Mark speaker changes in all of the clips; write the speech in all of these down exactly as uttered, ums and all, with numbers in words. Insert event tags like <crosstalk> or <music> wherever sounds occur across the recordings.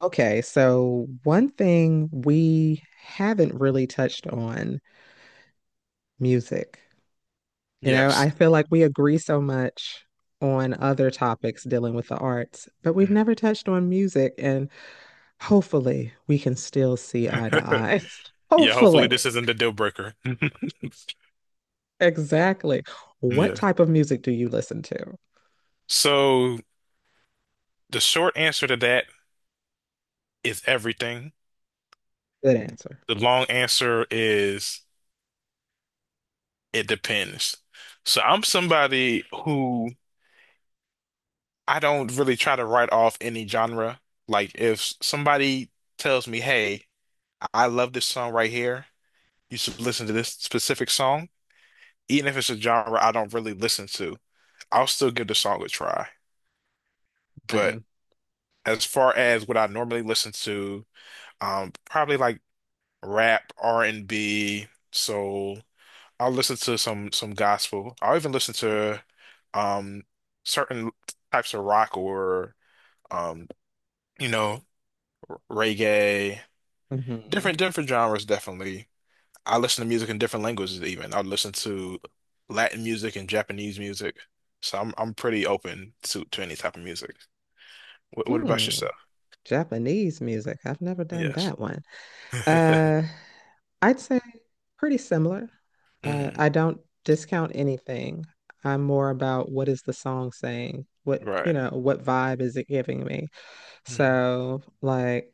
Speaker 1: Okay, so one thing we haven't really touched on music. You know,
Speaker 2: Yes.
Speaker 1: I feel like we agree so much on other topics dealing with the arts, but we've never touched on music, and hopefully we can still see eye to
Speaker 2: <laughs>
Speaker 1: eye. <laughs>
Speaker 2: Yeah, hopefully
Speaker 1: Hopefully.
Speaker 2: this isn't the deal breaker. <laughs>
Speaker 1: Exactly. What
Speaker 2: Yeah.
Speaker 1: type of music do you listen to?
Speaker 2: So the short answer to that is everything.
Speaker 1: Good answer.
Speaker 2: The long answer is it depends. So I'm somebody who I don't really try to write off any genre. Like if somebody tells me, "Hey, I love this song right here. You should listen to this specific song," even if it's a genre I don't really listen to, I'll still give the song a try. But
Speaker 1: Same.
Speaker 2: as far as what I normally listen to, um, probably like rap, R and B, soul. I'll listen to some some gospel. I'll even listen to um certain types of rock or um, you know, reggae,
Speaker 1: Hmm.
Speaker 2: different different genres definitely. I listen to music in different languages even. I'll listen to Latin music and Japanese music. So I'm I'm pretty open to to any type of music. What what about
Speaker 1: Hmm.
Speaker 2: yourself?
Speaker 1: Japanese music. I've never done
Speaker 2: Yes.
Speaker 1: that one.
Speaker 2: <laughs>
Speaker 1: Uh I'd say pretty similar. Uh,
Speaker 2: Hmm.
Speaker 1: I don't discount anything. I'm more about what is the song saying? What, you
Speaker 2: Right.
Speaker 1: know, what vibe is it giving me?
Speaker 2: Mm-hmm.
Speaker 1: So, like,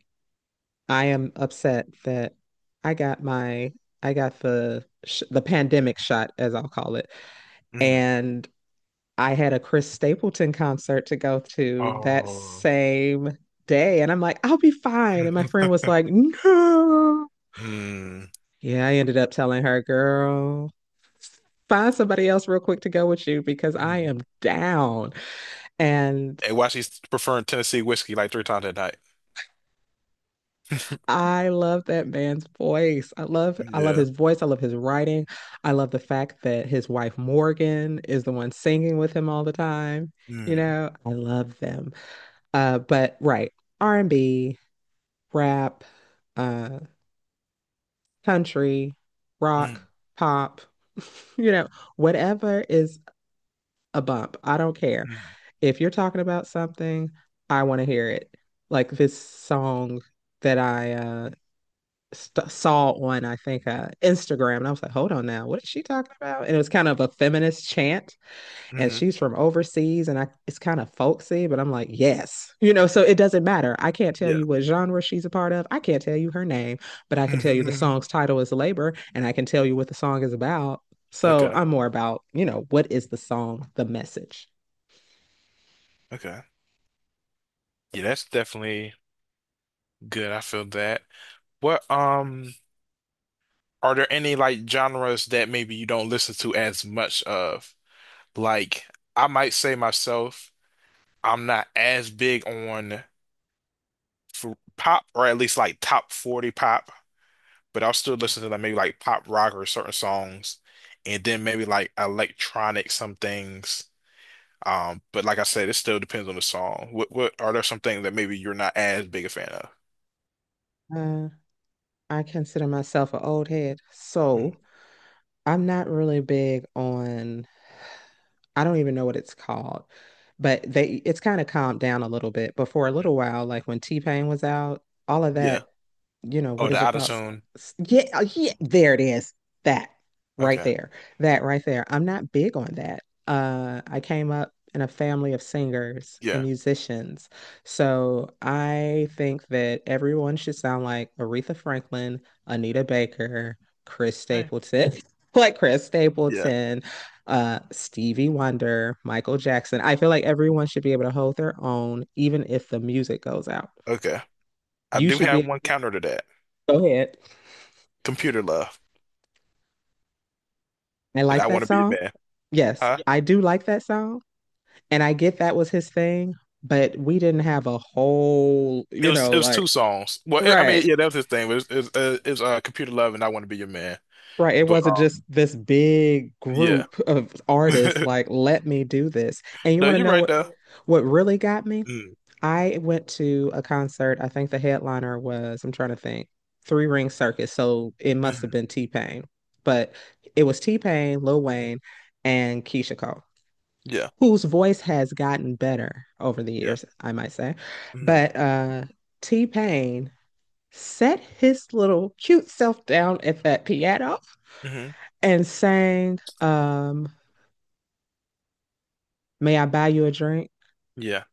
Speaker 1: I am upset that I got my, I got the sh the pandemic shot, as I'll call it,
Speaker 2: Mm.
Speaker 1: and I had a Chris Stapleton concert to go to that
Speaker 2: Oh.
Speaker 1: same day, and I'm like, I'll be fine. And my friend was
Speaker 2: <laughs>
Speaker 1: like, no.
Speaker 2: Mm.
Speaker 1: Yeah, I ended up telling her, girl. Find somebody else real quick to go with you because I
Speaker 2: Mm.
Speaker 1: am down. And
Speaker 2: And why she's preferring Tennessee whiskey like three times a night.
Speaker 1: I love that man's voice. I love I love
Speaker 2: Yeah.
Speaker 1: his voice. I love his writing. I love the fact that his wife Morgan is the one singing with him all the time. You
Speaker 2: Mm.
Speaker 1: know, I love them. Uh, but right, R and B, rap, uh, country, rock,
Speaker 2: Mm.
Speaker 1: pop, <laughs> you know, whatever is a bump. I don't care.
Speaker 2: Mm.
Speaker 1: If you're talking about something, I want to hear it. Like this song that I uh st saw on I think uh Instagram and I was like, "Hold on now. What is she talking about?" And it was kind of a feminist chant and
Speaker 2: Hmm.
Speaker 1: she's from overseas and I it's kind of folksy, but I'm like, "Yes." You know, so it doesn't matter. I can't tell
Speaker 2: Yeah.
Speaker 1: you what genre she's a part of. I can't tell you her name, but I can tell you the
Speaker 2: <laughs>
Speaker 1: song's title is Labor and I can tell you what the song is about. So
Speaker 2: Okay.
Speaker 1: I'm more about, you know, what is the song, the message?
Speaker 2: Okay. Yeah, that's definitely good. I feel that. What um Are there any like genres that maybe you don't listen to as much of? Like I might say myself, I'm not as big on f pop, or at least like top forty pop, but I'll still
Speaker 1: Mhm.
Speaker 2: listen to like maybe like pop rock or certain songs, and then maybe like electronic some things. Um, but like I said, it still depends on the song. What what Are there some things that maybe you're not as big a fan of?
Speaker 1: Uh, I consider myself an old head,
Speaker 2: Mm.
Speaker 1: so I'm not really big on. I don't even know what it's called, but they it's kind of calmed down a little bit. But for a little while, like when T-Pain was out, all of
Speaker 2: Yeah.
Speaker 1: that, you know,
Speaker 2: Oh,
Speaker 1: what is
Speaker 2: the
Speaker 1: it
Speaker 2: auto
Speaker 1: called? S-
Speaker 2: tune.
Speaker 1: s- Yeah, uh, yeah, there it is. That right
Speaker 2: Okay.
Speaker 1: there. That right there. I'm not big on that. Uh, I came up in a family of singers and
Speaker 2: Yeah.
Speaker 1: musicians. So I think that everyone should sound like Aretha Franklin, Anita Baker, Chris
Speaker 2: Eh.
Speaker 1: Stapleton, <laughs> like Chris
Speaker 2: Yeah.
Speaker 1: Stapleton uh Stevie Wonder, Michael Jackson. I feel like everyone should be able to hold their own, even if the music goes out.
Speaker 2: Okay. I
Speaker 1: You
Speaker 2: do
Speaker 1: should
Speaker 2: have
Speaker 1: be
Speaker 2: one counter to that.
Speaker 1: go ahead.
Speaker 2: Computer Love,
Speaker 1: I
Speaker 2: and
Speaker 1: like
Speaker 2: I
Speaker 1: that
Speaker 2: Want to Be Your
Speaker 1: song.
Speaker 2: Man.
Speaker 1: Yes,
Speaker 2: Huh?
Speaker 1: I do like that song. And I get that was his thing, but we didn't have a whole,
Speaker 2: It
Speaker 1: you
Speaker 2: was it
Speaker 1: know,
Speaker 2: was
Speaker 1: like
Speaker 2: two songs. Well, I I mean,
Speaker 1: right.
Speaker 2: yeah, that was his thing. But It was, it was, uh, it was uh, Computer Love and I Want to Be Your Man.
Speaker 1: Right. It
Speaker 2: But
Speaker 1: wasn't
Speaker 2: uh,
Speaker 1: just this big
Speaker 2: yeah,
Speaker 1: group of
Speaker 2: <laughs>
Speaker 1: artists
Speaker 2: no,
Speaker 1: like, let me do this. And you want to
Speaker 2: you're
Speaker 1: know
Speaker 2: right
Speaker 1: what
Speaker 2: though.
Speaker 1: what really got me? I went to a concert. I think the headliner was, I'm trying to think, Three Ring Circus. So it must have
Speaker 2: Mm.
Speaker 1: been T-Pain. But it was T-Pain, Lil Wayne, and Keisha Cole,
Speaker 2: Yeah.
Speaker 1: whose voice has gotten better over the
Speaker 2: Yeah.
Speaker 1: years, I might say.
Speaker 2: Hmm.
Speaker 1: But uh T-Pain set his little cute self down at that piano
Speaker 2: Hmm.
Speaker 1: and sang um May I Buy You a Drink?
Speaker 2: Yeah.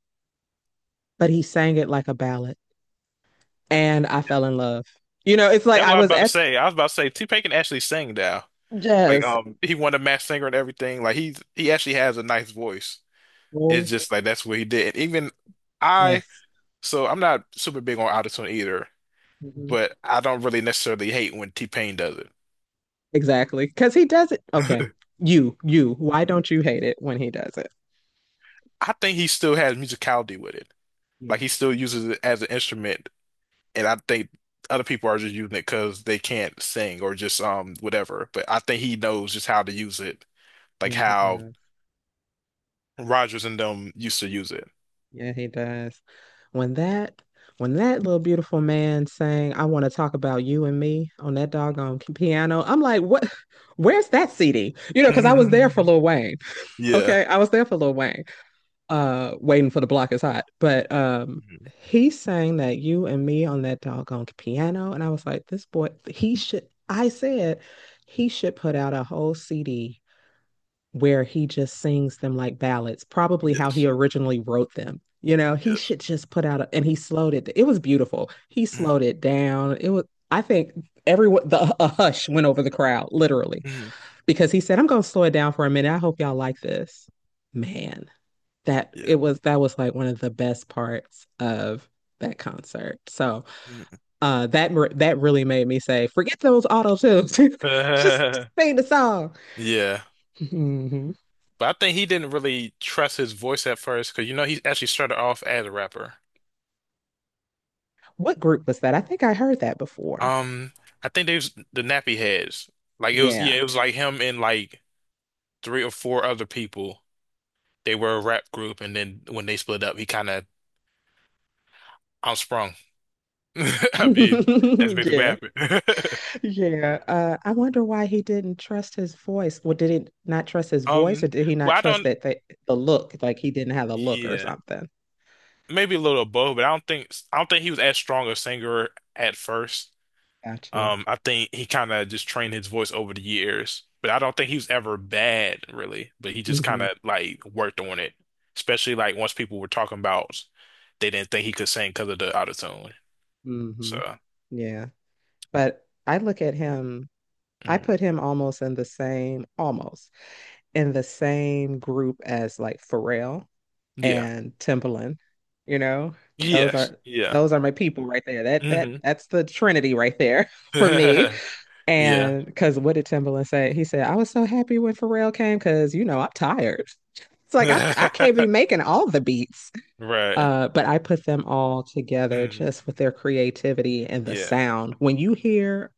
Speaker 1: But he sang it like a ballad. And I fell in love. You know, it's like
Speaker 2: That's
Speaker 1: I
Speaker 2: what I was
Speaker 1: was
Speaker 2: about to
Speaker 1: at
Speaker 2: say. I was about to say T-Pain can actually sing now. Like
Speaker 1: yes,
Speaker 2: um he won a Masked Singer and everything. Like he's he actually has a nice voice. It's
Speaker 1: oh,
Speaker 2: just like that's what he did. And even I
Speaker 1: yes.
Speaker 2: so I'm not super big on autotune either,
Speaker 1: Hmm.
Speaker 2: but I don't really necessarily hate when T-Pain does it.
Speaker 1: Exactly. Because he does it. Okay.
Speaker 2: <laughs>
Speaker 1: You, you. Why don't you hate it when he does it?
Speaker 2: I think he still has musicality with it.
Speaker 1: Yeah,
Speaker 2: Like he still uses it as an instrument, and I think other people are just using it because they can't sing or just um whatever. But I think he knows just how to use it like
Speaker 1: yeah, he
Speaker 2: how
Speaker 1: does.
Speaker 2: Rogers and them used to use it.
Speaker 1: Yeah, he does. When that, when that little beautiful man sang, I want to talk about you and me on that doggone k- piano, I'm like, what? Where's that C D? You know, because I was there for
Speaker 2: <laughs>
Speaker 1: Lil Wayne. <laughs>
Speaker 2: Yeah.
Speaker 1: Okay. I was there for Lil Wayne. Uh waiting for the block is hot. But um
Speaker 2: Mhm.
Speaker 1: he sang that you and me on that doggone piano. And I was like, this boy, he should I said he should put out a whole C D where he just sings them like ballads, probably how he
Speaker 2: Yes.
Speaker 1: originally wrote them. You know, he
Speaker 2: Yes.
Speaker 1: should just put out a, and he slowed it. It was beautiful. He slowed it down. It was I think everyone the a hush went over the crowd, literally,
Speaker 2: Mm-hmm.
Speaker 1: because he said, I'm gonna slow it down for a minute. I hope y'all like this. Man, that
Speaker 2: Yeah.
Speaker 1: it was that was like one of the best parts of that concert. So
Speaker 2: Mhm.
Speaker 1: uh, that that really made me say, forget those auto tunes, <laughs> just, just sing the song.
Speaker 2: <laughs> Yeah.
Speaker 1: Mhm.
Speaker 2: But I think he didn't really trust his voice at first because you know he actually started off as a rapper.
Speaker 1: What group was that? I think I heard that before.
Speaker 2: Um, I think they was the Nappy Heads. Like it was,
Speaker 1: Yeah.
Speaker 2: yeah, it was like him and like three or four other people. They were a rap group, and then when they split up, he kind of sprung. <laughs> I mean, that's
Speaker 1: <laughs>
Speaker 2: basically
Speaker 1: Yeah.
Speaker 2: what happened. <laughs>
Speaker 1: Yeah. Uh, I wonder why he didn't trust his voice. Well, did he not trust his voice,
Speaker 2: Um,
Speaker 1: or did he not
Speaker 2: well, I
Speaker 1: trust
Speaker 2: don't.
Speaker 1: that the, the look? Like he didn't have a look or
Speaker 2: Yeah,
Speaker 1: something.
Speaker 2: maybe a little above, but I don't think I don't think he was as strong a singer at first.
Speaker 1: Gotcha.
Speaker 2: Um, I think he kind of just trained his voice over the years, but I don't think he was ever bad really. But he just kind
Speaker 1: Mm-hmm.
Speaker 2: of like worked on it, especially like once people were talking about they didn't think he could sing because of the autotune. So.
Speaker 1: Mm-hmm. Yeah. But I look at him I
Speaker 2: Mhm.
Speaker 1: put him almost in the same, almost in the same group as like Pharrell
Speaker 2: Yeah.
Speaker 1: and Timbaland. You know, those
Speaker 2: Yes.
Speaker 1: are
Speaker 2: Yeah.
Speaker 1: those are my people right there. That that
Speaker 2: Hmm.
Speaker 1: that's the trinity right there <laughs> for me.
Speaker 2: <laughs> Yeah.
Speaker 1: And because what did Timbaland say? He said, "I was so happy when Pharrell came because you know I'm tired." <laughs> It's like I I can't be
Speaker 2: <laughs>
Speaker 1: making all the beats.
Speaker 2: Right.
Speaker 1: Uh, but I put them all together
Speaker 2: Hmm.
Speaker 1: just with their creativity and the
Speaker 2: Yeah.
Speaker 1: sound. When you hear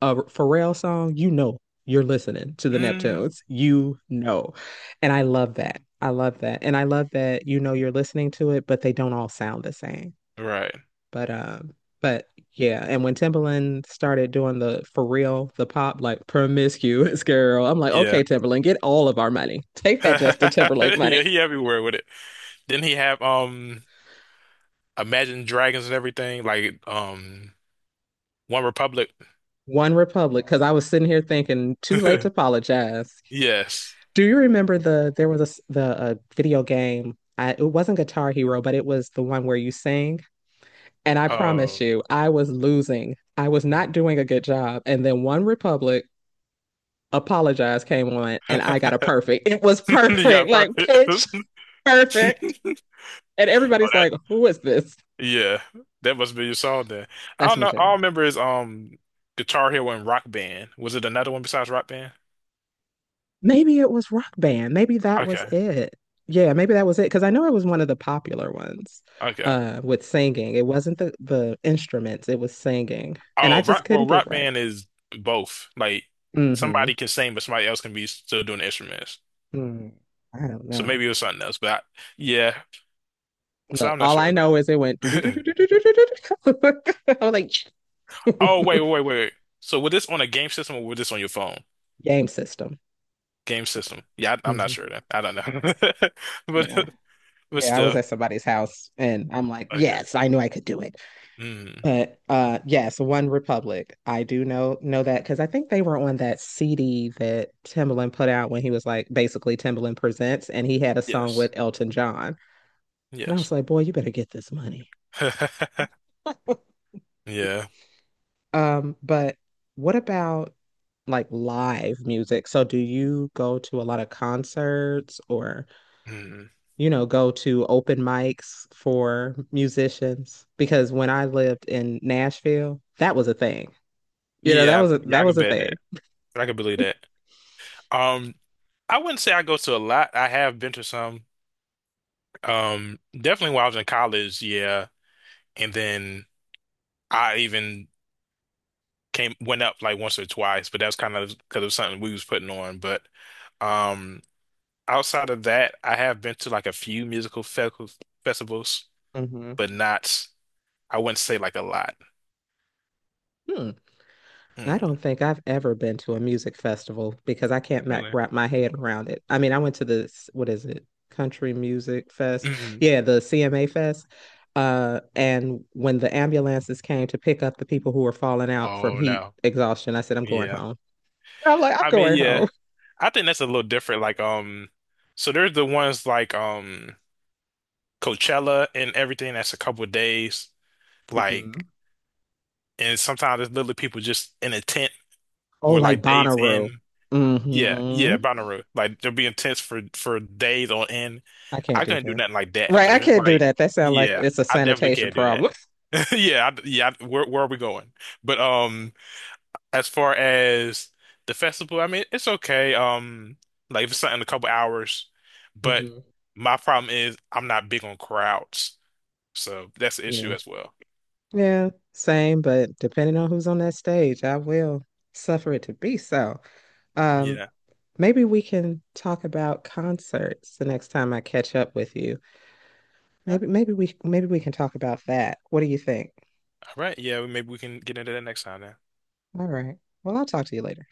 Speaker 1: a Pharrell song, you know you're listening to the
Speaker 2: Hmm.
Speaker 1: Neptunes. You know. And I love that. I love that. And I love that you know you're listening to it, but they don't all sound the same.
Speaker 2: Right.
Speaker 1: But um, but yeah. And when Timbaland started doing the for real, the pop, like promiscuous girl, I'm like,
Speaker 2: Yeah.
Speaker 1: okay, Timbaland, get all of our money. Take that Justin
Speaker 2: <laughs>
Speaker 1: Timberlake money.
Speaker 2: Yeah, he everywhere with it. Didn't he have um Imagine Dragons and everything? Like um One Republic.
Speaker 1: One Republic, because I was sitting here thinking, too late to
Speaker 2: <laughs>
Speaker 1: apologize.
Speaker 2: Yes.
Speaker 1: Do you remember the there was a s- the uh, video game? I, it wasn't Guitar Hero, but it was the one where you sing. And I promise
Speaker 2: Oh.
Speaker 1: you, I was losing. I was not doing
Speaker 2: <laughs>
Speaker 1: a good job. And then One Republic Apologize came on, and I got a perfect. It was
Speaker 2: You
Speaker 1: perfect,
Speaker 2: got
Speaker 1: like <laughs> pitch
Speaker 2: perfect.
Speaker 1: perfect.
Speaker 2: <laughs>
Speaker 1: And
Speaker 2: Oh,
Speaker 1: everybody's
Speaker 2: that,
Speaker 1: like, "Who is this?"
Speaker 2: yeah. That must be your song then. I
Speaker 1: That's
Speaker 2: don't
Speaker 1: my
Speaker 2: know. All I
Speaker 1: jam.
Speaker 2: remember is um Guitar Hero and Rock Band. Was it another one besides Rock Band?
Speaker 1: Maybe it was Rock Band. Maybe that was
Speaker 2: Okay.
Speaker 1: it. Yeah, maybe that was it. Because I know it was one of the popular ones
Speaker 2: Okay.
Speaker 1: uh, with singing. It wasn't the, the instruments, it was singing. And I
Speaker 2: Oh,
Speaker 1: just
Speaker 2: rock
Speaker 1: couldn't
Speaker 2: well,
Speaker 1: get
Speaker 2: Rock
Speaker 1: right.
Speaker 2: Band is both. Like
Speaker 1: Hmm.
Speaker 2: somebody can sing, but somebody else can be still doing the instruments.
Speaker 1: Mm. I don't
Speaker 2: So
Speaker 1: know.
Speaker 2: maybe it was something else, but I, yeah. So
Speaker 1: Look,
Speaker 2: I'm not
Speaker 1: all I
Speaker 2: sure,
Speaker 1: know is it went do do do
Speaker 2: but
Speaker 1: do do
Speaker 2: <laughs>
Speaker 1: do do do. Do. <laughs> I was like,
Speaker 2: oh, wait, wait,
Speaker 1: <laughs>
Speaker 2: wait, wait. So was this on a game system or was this on your phone?
Speaker 1: game system.
Speaker 2: Game system. Yeah, I, I'm not
Speaker 1: Hmm.
Speaker 2: sure then. I don't
Speaker 1: Yeah,
Speaker 2: know, <laughs> but
Speaker 1: yeah,
Speaker 2: but
Speaker 1: yeah. I was
Speaker 2: still,
Speaker 1: at somebody's house, and I'm like,
Speaker 2: okay.
Speaker 1: yes, I knew I could do
Speaker 2: Mm.
Speaker 1: but uh yes, One Republic. I do know know that because I think they were on that C D that Timbaland put out when he was like basically Timbaland Presents and he had a song with
Speaker 2: Yes,
Speaker 1: Elton John. And I
Speaker 2: yes.
Speaker 1: was like, boy, you better get this money.
Speaker 2: <laughs>
Speaker 1: <laughs>
Speaker 2: Yeah,
Speaker 1: Um, but what about like live music? So do you go to a lot of concerts or,
Speaker 2: mm.
Speaker 1: you know, go to open mics for musicians? Because when I lived in Nashville, that was a thing. You know, that
Speaker 2: Yeah,
Speaker 1: was a
Speaker 2: yeah.
Speaker 1: that
Speaker 2: I
Speaker 1: was
Speaker 2: can
Speaker 1: a
Speaker 2: bet
Speaker 1: thing.
Speaker 2: that. I can believe that. Um, I wouldn't say I go to a lot. I have been to some. Um, definitely while I was in college. Yeah, and then I even came went up like once or twice, but that was kind of because of something we was putting on. But um outside of that, I have been to like a few musical fe festivals,
Speaker 1: Mhm.
Speaker 2: but not I wouldn't say like a lot.
Speaker 1: Hmm. I don't
Speaker 2: Mm.
Speaker 1: think I've ever been to a music festival because I can't ma
Speaker 2: Really?
Speaker 1: wrap my head around it. I mean, I went to this, what is it? Country Music Fest.
Speaker 2: Mhm.
Speaker 1: Yeah, the C M A Fest. Uh, and when the ambulances came to pick up the people who were falling out from
Speaker 2: Oh
Speaker 1: heat
Speaker 2: no.
Speaker 1: exhaustion, I said, I'm going
Speaker 2: Yeah.
Speaker 1: home. I'm like, I'm
Speaker 2: I mean,
Speaker 1: going
Speaker 2: yeah.
Speaker 1: home.
Speaker 2: I think that's a little different. Like um so there's the ones like um Coachella and everything that's a couple of days. Like
Speaker 1: Mhm.
Speaker 2: and sometimes there's literally people just in a tent
Speaker 1: Oh,
Speaker 2: for
Speaker 1: like
Speaker 2: like days
Speaker 1: Bonnaroo.
Speaker 2: in. Yeah,
Speaker 1: Hmm.
Speaker 2: yeah, binary. Like they'll be intense for for days on end.
Speaker 1: I
Speaker 2: I
Speaker 1: can't do
Speaker 2: couldn't do
Speaker 1: that.
Speaker 2: nothing like that.
Speaker 1: Right,
Speaker 2: But
Speaker 1: I
Speaker 2: if it's
Speaker 1: can't do
Speaker 2: like,
Speaker 1: that. That sounds like
Speaker 2: yeah,
Speaker 1: it's a
Speaker 2: I definitely
Speaker 1: sanitation
Speaker 2: can't do that.
Speaker 1: problem.
Speaker 2: <laughs> Yeah, I, yeah. I- where where are we going? But um, as far as the festival, I mean, it's okay. Um, like if it's something in a couple hours,
Speaker 1: <laughs>
Speaker 2: but
Speaker 1: Hmm.
Speaker 2: my problem is I'm not big on crowds, so that's the issue
Speaker 1: Yeah.
Speaker 2: as well.
Speaker 1: Yeah, same, but depending on who's on that stage, I will suffer it to be so. Um,
Speaker 2: Yeah.
Speaker 1: maybe we can talk about concerts the next time I catch up with you.
Speaker 2: Yeah.
Speaker 1: Maybe maybe we maybe we can talk about that. What do you think?
Speaker 2: All right. Yeah. Maybe we can get into that next time then.
Speaker 1: All right. Well, I'll talk to you later.